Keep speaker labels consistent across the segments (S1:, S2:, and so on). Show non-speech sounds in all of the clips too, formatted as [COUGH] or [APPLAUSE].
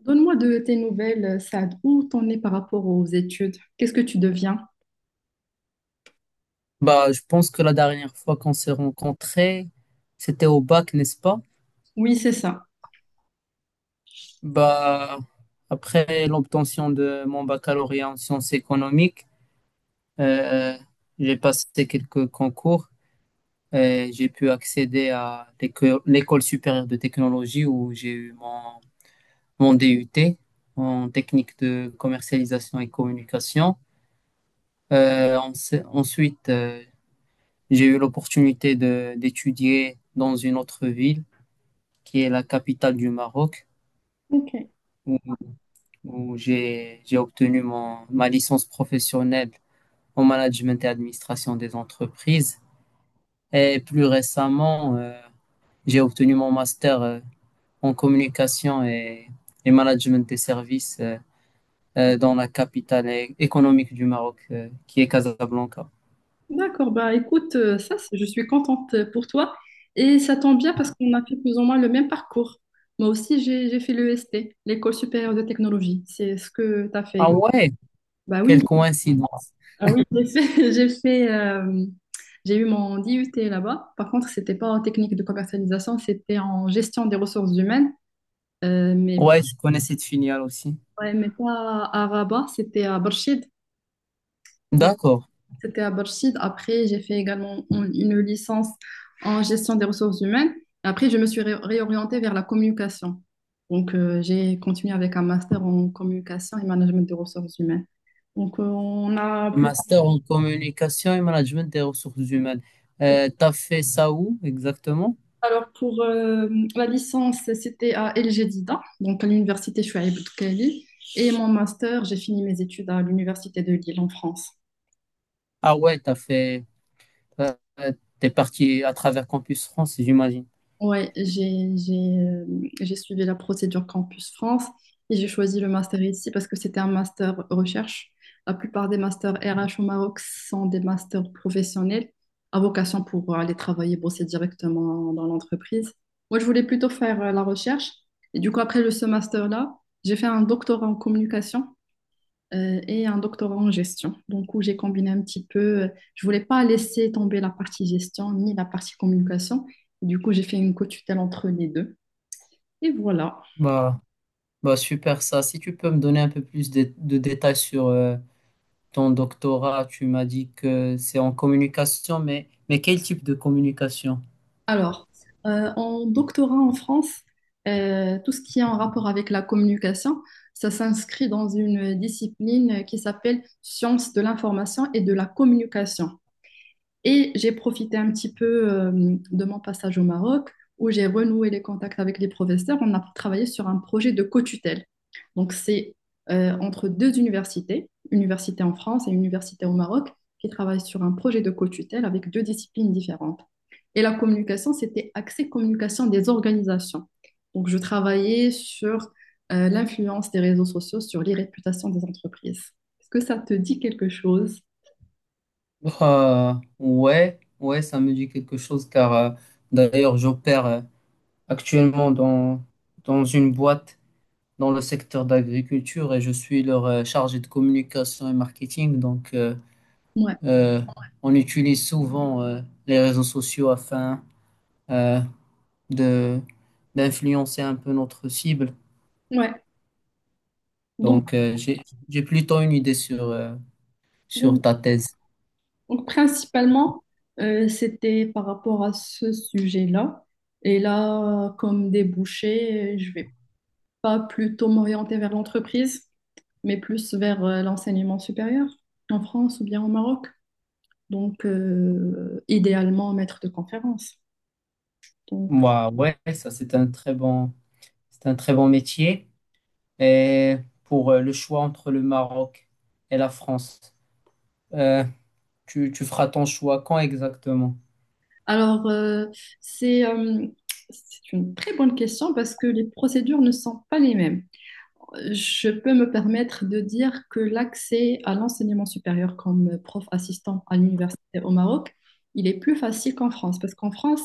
S1: Donne-moi de tes nouvelles, Sad. Où t'en es par rapport aux études? Qu'est-ce que tu deviens?
S2: Bah, je pense que la dernière fois qu'on s'est rencontrés, c'était au bac, n'est-ce pas?
S1: Oui, c'est ça.
S2: Bah, après l'obtention de mon baccalauréat en sciences économiques, euh, j'ai passé quelques concours et j'ai pu accéder à l'école supérieure de technologie où j'ai eu mon DUT en technique de commercialisation et communication. Ensuite, j'ai eu l'opportunité de d'étudier dans une autre ville qui est la capitale du Maroc,
S1: Ok.
S2: où, où j'ai obtenu ma licence professionnelle en management et administration des entreprises. Et plus récemment, j'ai obtenu mon master en communication et management des services dans la capitale économique du Maroc, qui est Casablanca.
S1: D'accord, bah écoute, ça, je suis contente pour toi. Et ça tombe bien parce qu'on a fait plus ou moins le même parcours. Moi aussi, j'ai fait l'EST, l'École supérieure de technologie. C'est ce que tu as fait.
S2: Ah ouais,
S1: Bah oui,
S2: quelle coïncidence.
S1: ah oui, [LAUGHS] j'ai fait, j'ai eu mon DUT là-bas. Par contre, c'était pas en technique de commercialisation, c'était en gestion des ressources humaines. Euh, mais
S2: Ouais, je connais cette filiale aussi.
S1: Ouais, mais pas à Rabat, c'était à Barchid.
S2: D'accord.
S1: C'était à Barchid. Après, j'ai fait également une licence en gestion des ressources humaines. Après, je me suis réorientée vers la communication. Donc, j'ai continué avec un master en communication et management des ressources humaines. Donc, on a plus.
S2: Master en communication et management des ressources humaines. T'as fait ça où exactement?
S1: Alors, pour la licence, c'était à El Jadida, donc à l'université Chouaïb Boutoukali. Et mon master, j'ai fini mes études à l'université de Lille en France.
S2: Ah ouais, t'as- t'es parti à travers Campus France, j'imagine.
S1: Ouais, euh, j'ai suivi la procédure Campus France et j'ai choisi le master ici parce que c'était un master recherche. La plupart des masters RH au Maroc sont des masters professionnels à vocation pour aller travailler, bosser directement dans l'entreprise. Moi, je voulais plutôt faire la recherche et du coup, ce master-là, j'ai fait un doctorat en communication et un doctorat en gestion. Donc, où j'ai combiné un petit peu, je voulais pas laisser tomber la partie gestion ni la partie communication. Et du coup, j'ai fait une co-tutelle entre les deux. Et voilà.
S2: Bah, bah super ça. Si tu peux me donner un peu plus de détails sur ton doctorat, tu m'as dit que c'est en communication, mais quel type de communication?
S1: Alors, en doctorat en France, tout ce qui est en rapport avec la communication, ça s'inscrit dans une discipline qui s'appelle sciences de l'information et de la communication. Et j'ai profité un petit peu de mon passage au Maroc où j'ai renoué les contacts avec les professeurs. On a travaillé sur un projet de co-tutelle. Donc, c'est entre deux universités, une université en France et une université au Maroc, qui travaillent sur un projet de co-tutelle avec deux disciplines différentes. Et la communication, c'était axé communication des organisations. Donc, je travaillais sur l'influence des réseaux sociaux sur les des entreprises. Est-ce que ça te dit quelque chose?
S2: Euh, ouais, ouais, ça me dit quelque chose car d'ailleurs j'opère actuellement dans une boîte. Dans le secteur d'agriculture et je suis leur chargé de communication et marketing. Donc,
S1: Ouais,
S2: euh, on utilise souvent les réseaux sociaux afin euh, de d'influencer un peu notre cible.
S1: ouais. Donc,
S2: Donc, j'ai plutôt une idée sur sur ta thèse.
S1: Donc, principalement, c'était par rapport à ce sujet-là. Et là, comme débouché, je vais pas plutôt m'orienter vers l'entreprise, mais plus vers l'enseignement supérieur en France ou bien au Maroc. Donc, idéalement, maître de conférence. Donc,
S2: Moi, ouais, ça, c'est un très bon métier. Et pour le choix entre le Maroc et la France, euh, tu feras ton choix quand exactement?
S1: alors, c'est euh, c'est une très bonne question parce que les procédures ne sont pas les mêmes. Je peux me permettre de dire que l'accès à l'enseignement supérieur comme prof assistant à l'université au Maroc, il est plus facile qu'en France, parce qu'en France,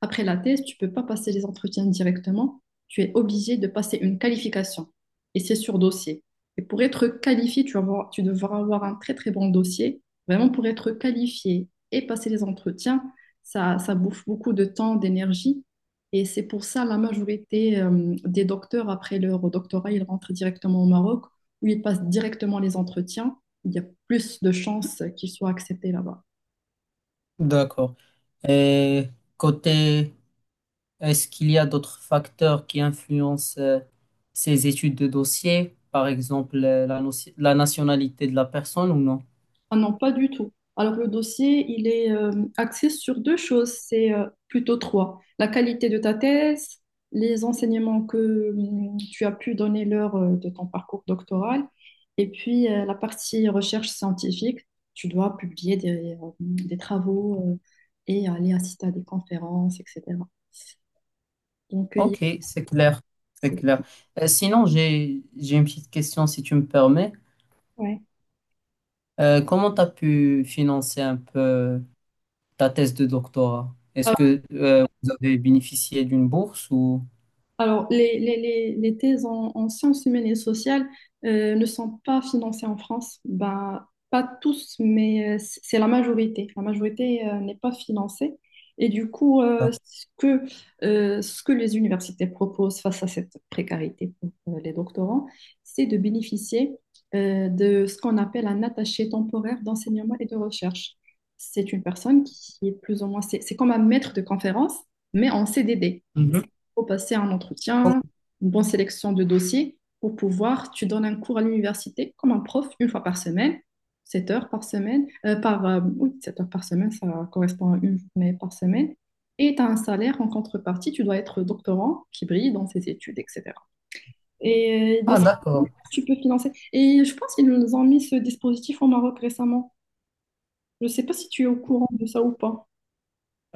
S1: après la thèse, tu ne peux pas passer les entretiens directement. Tu es obligé de passer une qualification. Et c'est sur dossier. Et pour être qualifié, tu devras avoir un très très bon dossier. Vraiment, pour être qualifié et passer les entretiens, ça bouffe beaucoup de temps, d'énergie. Et c'est pour ça la majorité des docteurs, après leur doctorat, ils rentrent directement au Maroc, où ils passent directement les entretiens. Il y a plus de chances qu'ils soient acceptés là-bas.
S2: D'accord. Et côté, est-ce qu'il y a d'autres facteurs qui influencent ces études de dossier, par exemple la nationalité de la personne ou non?
S1: Ah non, pas du tout. Alors le dossier, il est axé sur deux choses, c'est plutôt trois. La qualité de ta thèse, les enseignements que tu as pu donner lors de ton parcours doctoral, et puis la partie recherche scientifique. Tu dois publier des travaux et aller assister à des conférences, etc. Donc, il y a-
S2: Ok, c'est clair, c'est
S1: c'est-
S2: clair. Sinon, j'ai une petite question si tu me permets.
S1: ouais.
S2: Comment tu as pu financer un peu ta thèse de doctorat? Est-ce que vous avez bénéficié d'une bourse ou...
S1: Alors, les thèses en sciences humaines et sociales ne sont pas financées en France. Ben, pas tous, mais c'est la majorité. La majorité n'est pas financée. Et du coup,
S2: Ah,
S1: ce que les universités proposent face à cette précarité pour les doctorants, c'est de bénéficier de ce qu'on appelle un attaché temporaire d'enseignement et de recherche. C'est une personne qui est plus ou moins, c'est comme un maître de conférence, mais en CDD.
S2: mhm.
S1: Faut passer un entretien, une bonne sélection de dossiers pour pouvoir, tu donnes un cours à l'université comme un prof une fois par semaine, 7 heures par semaine, par, oui, 7 heures par semaine, ça correspond à une journée par semaine, et tu as un salaire en contrepartie, tu dois être doctorant qui brille dans ses études, etc. Et de
S2: Ah,
S1: ça,
S2: d'accord.
S1: tu peux financer. Et je pense qu'ils nous ont mis ce dispositif au Maroc récemment. Je ne sais pas si tu es au courant de ça ou pas.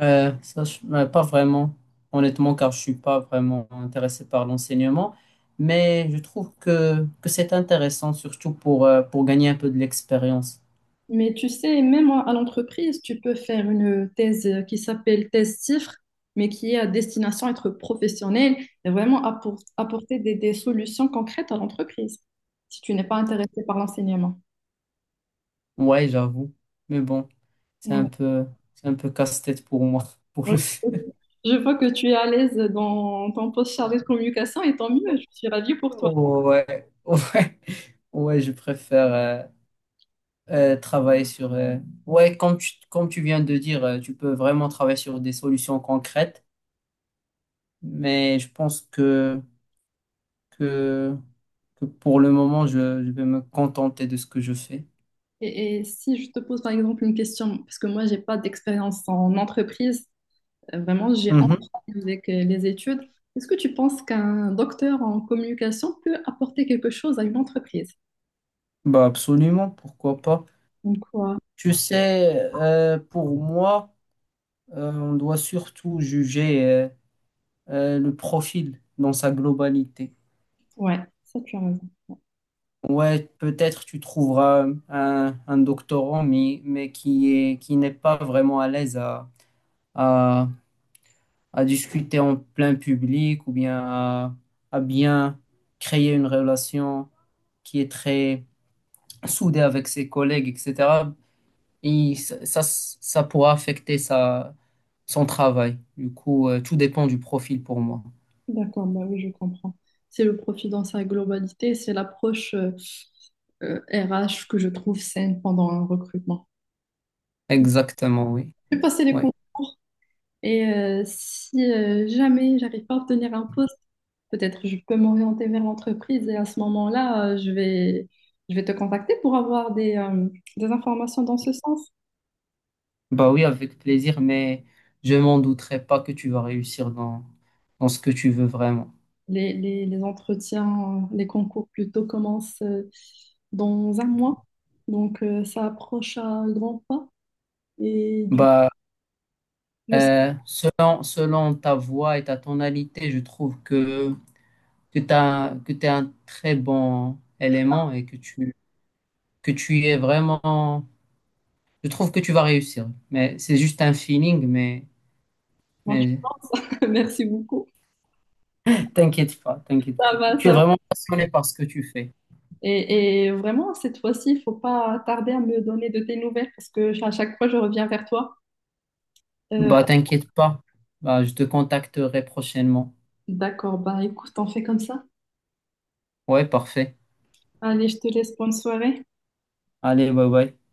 S2: Ça, pas vraiment, honnêtement, car je suis pas vraiment intéressé par l'enseignement, mais je trouve que c'est intéressant, surtout pour gagner un peu de l'expérience.
S1: Mais tu sais, même à l'entreprise, tu peux faire une thèse qui s'appelle thèse CIFRE, mais qui est à destination être professionnelle et vraiment apporter des solutions concrètes à l'entreprise, si tu n'es pas intéressé par l'enseignement.
S2: Ouais, j'avoue, mais bon, c'est un
S1: Ouais.
S2: peu, c'est un peu casse-tête pour moi, [LAUGHS] pour
S1: Ouais.
S2: le faire.
S1: Je vois que tu es à l'aise dans ton poste chargé de communication et tant mieux, je suis ravie pour toi.
S2: Ouais, ouais, ouais, je préfère travailler sur. Ouais, comme tu viens de dire, tu peux vraiment travailler sur des solutions concrètes, mais je pense que que pour le moment, je vais me contenter de ce que je fais.
S1: Et si je te pose par exemple une question, parce que moi, j'ai pas d'expérience en entreprise. Vraiment, j'ai
S2: Mhm.
S1: envie avec les études. Est-ce que tu penses qu'un docteur en communication peut apporter quelque chose à une entreprise?
S2: Bah absolument, pourquoi pas.
S1: Donc, quoi?
S2: Tu sais, pour moi, on doit surtout juger le profil dans sa globalité.
S1: Ouais, ça, tu as raison.
S2: Ouais, peut-être tu trouveras un doctorant, mais qui est, qui n'est pas vraiment à l'aise à, à discuter en plein public ou bien à bien créer une relation qui est très soudée avec ses collègues, etc. Et ça pourra affecter son travail. Du coup, tout dépend du profil pour moi.
S1: D'accord, bah oui, je comprends. C'est le profit dans sa globalité, c'est l'approche RH que je trouve saine pendant un recrutement.
S2: Exactement, oui.
S1: J'ai passé les
S2: Ouais.
S1: concours. Et si jamais j'arrive pas à obtenir un poste, peut-être je peux m'orienter vers l'entreprise et à ce moment-là, je vais te contacter pour avoir des informations dans ce sens.
S2: Bah oui, avec plaisir, mais je m'en douterai pas que tu vas réussir dans ce que tu veux vraiment.
S1: Les entretiens, les concours plutôt commencent dans 1 mois. Donc ça approche à grands pas. Et du coup,
S2: Bah,
S1: je sais
S2: selon ta voix et ta tonalité, je trouve que t'es un très bon élément et que tu es vraiment... Je trouve que tu vas réussir, mais c'est juste un feeling, mais,
S1: comment tu
S2: mais
S1: penses. [LAUGHS] Merci beaucoup.
S2: t'inquiète pas, t'inquiète
S1: Ça
S2: pas.
S1: va,
S2: Tu es
S1: ça va.
S2: vraiment passionné par ce que tu fais.
S1: Et vraiment, cette fois-ci, il faut pas tarder à me donner de tes nouvelles parce que à chaque fois, je reviens vers toi. Euh,
S2: Bah, t'inquiète pas. Bah, je te contacterai prochainement.
S1: d'accord, bah écoute, on fait comme ça.
S2: Ouais, parfait.
S1: Allez, je te laisse, bonne soirée.
S2: Allez, bye bye.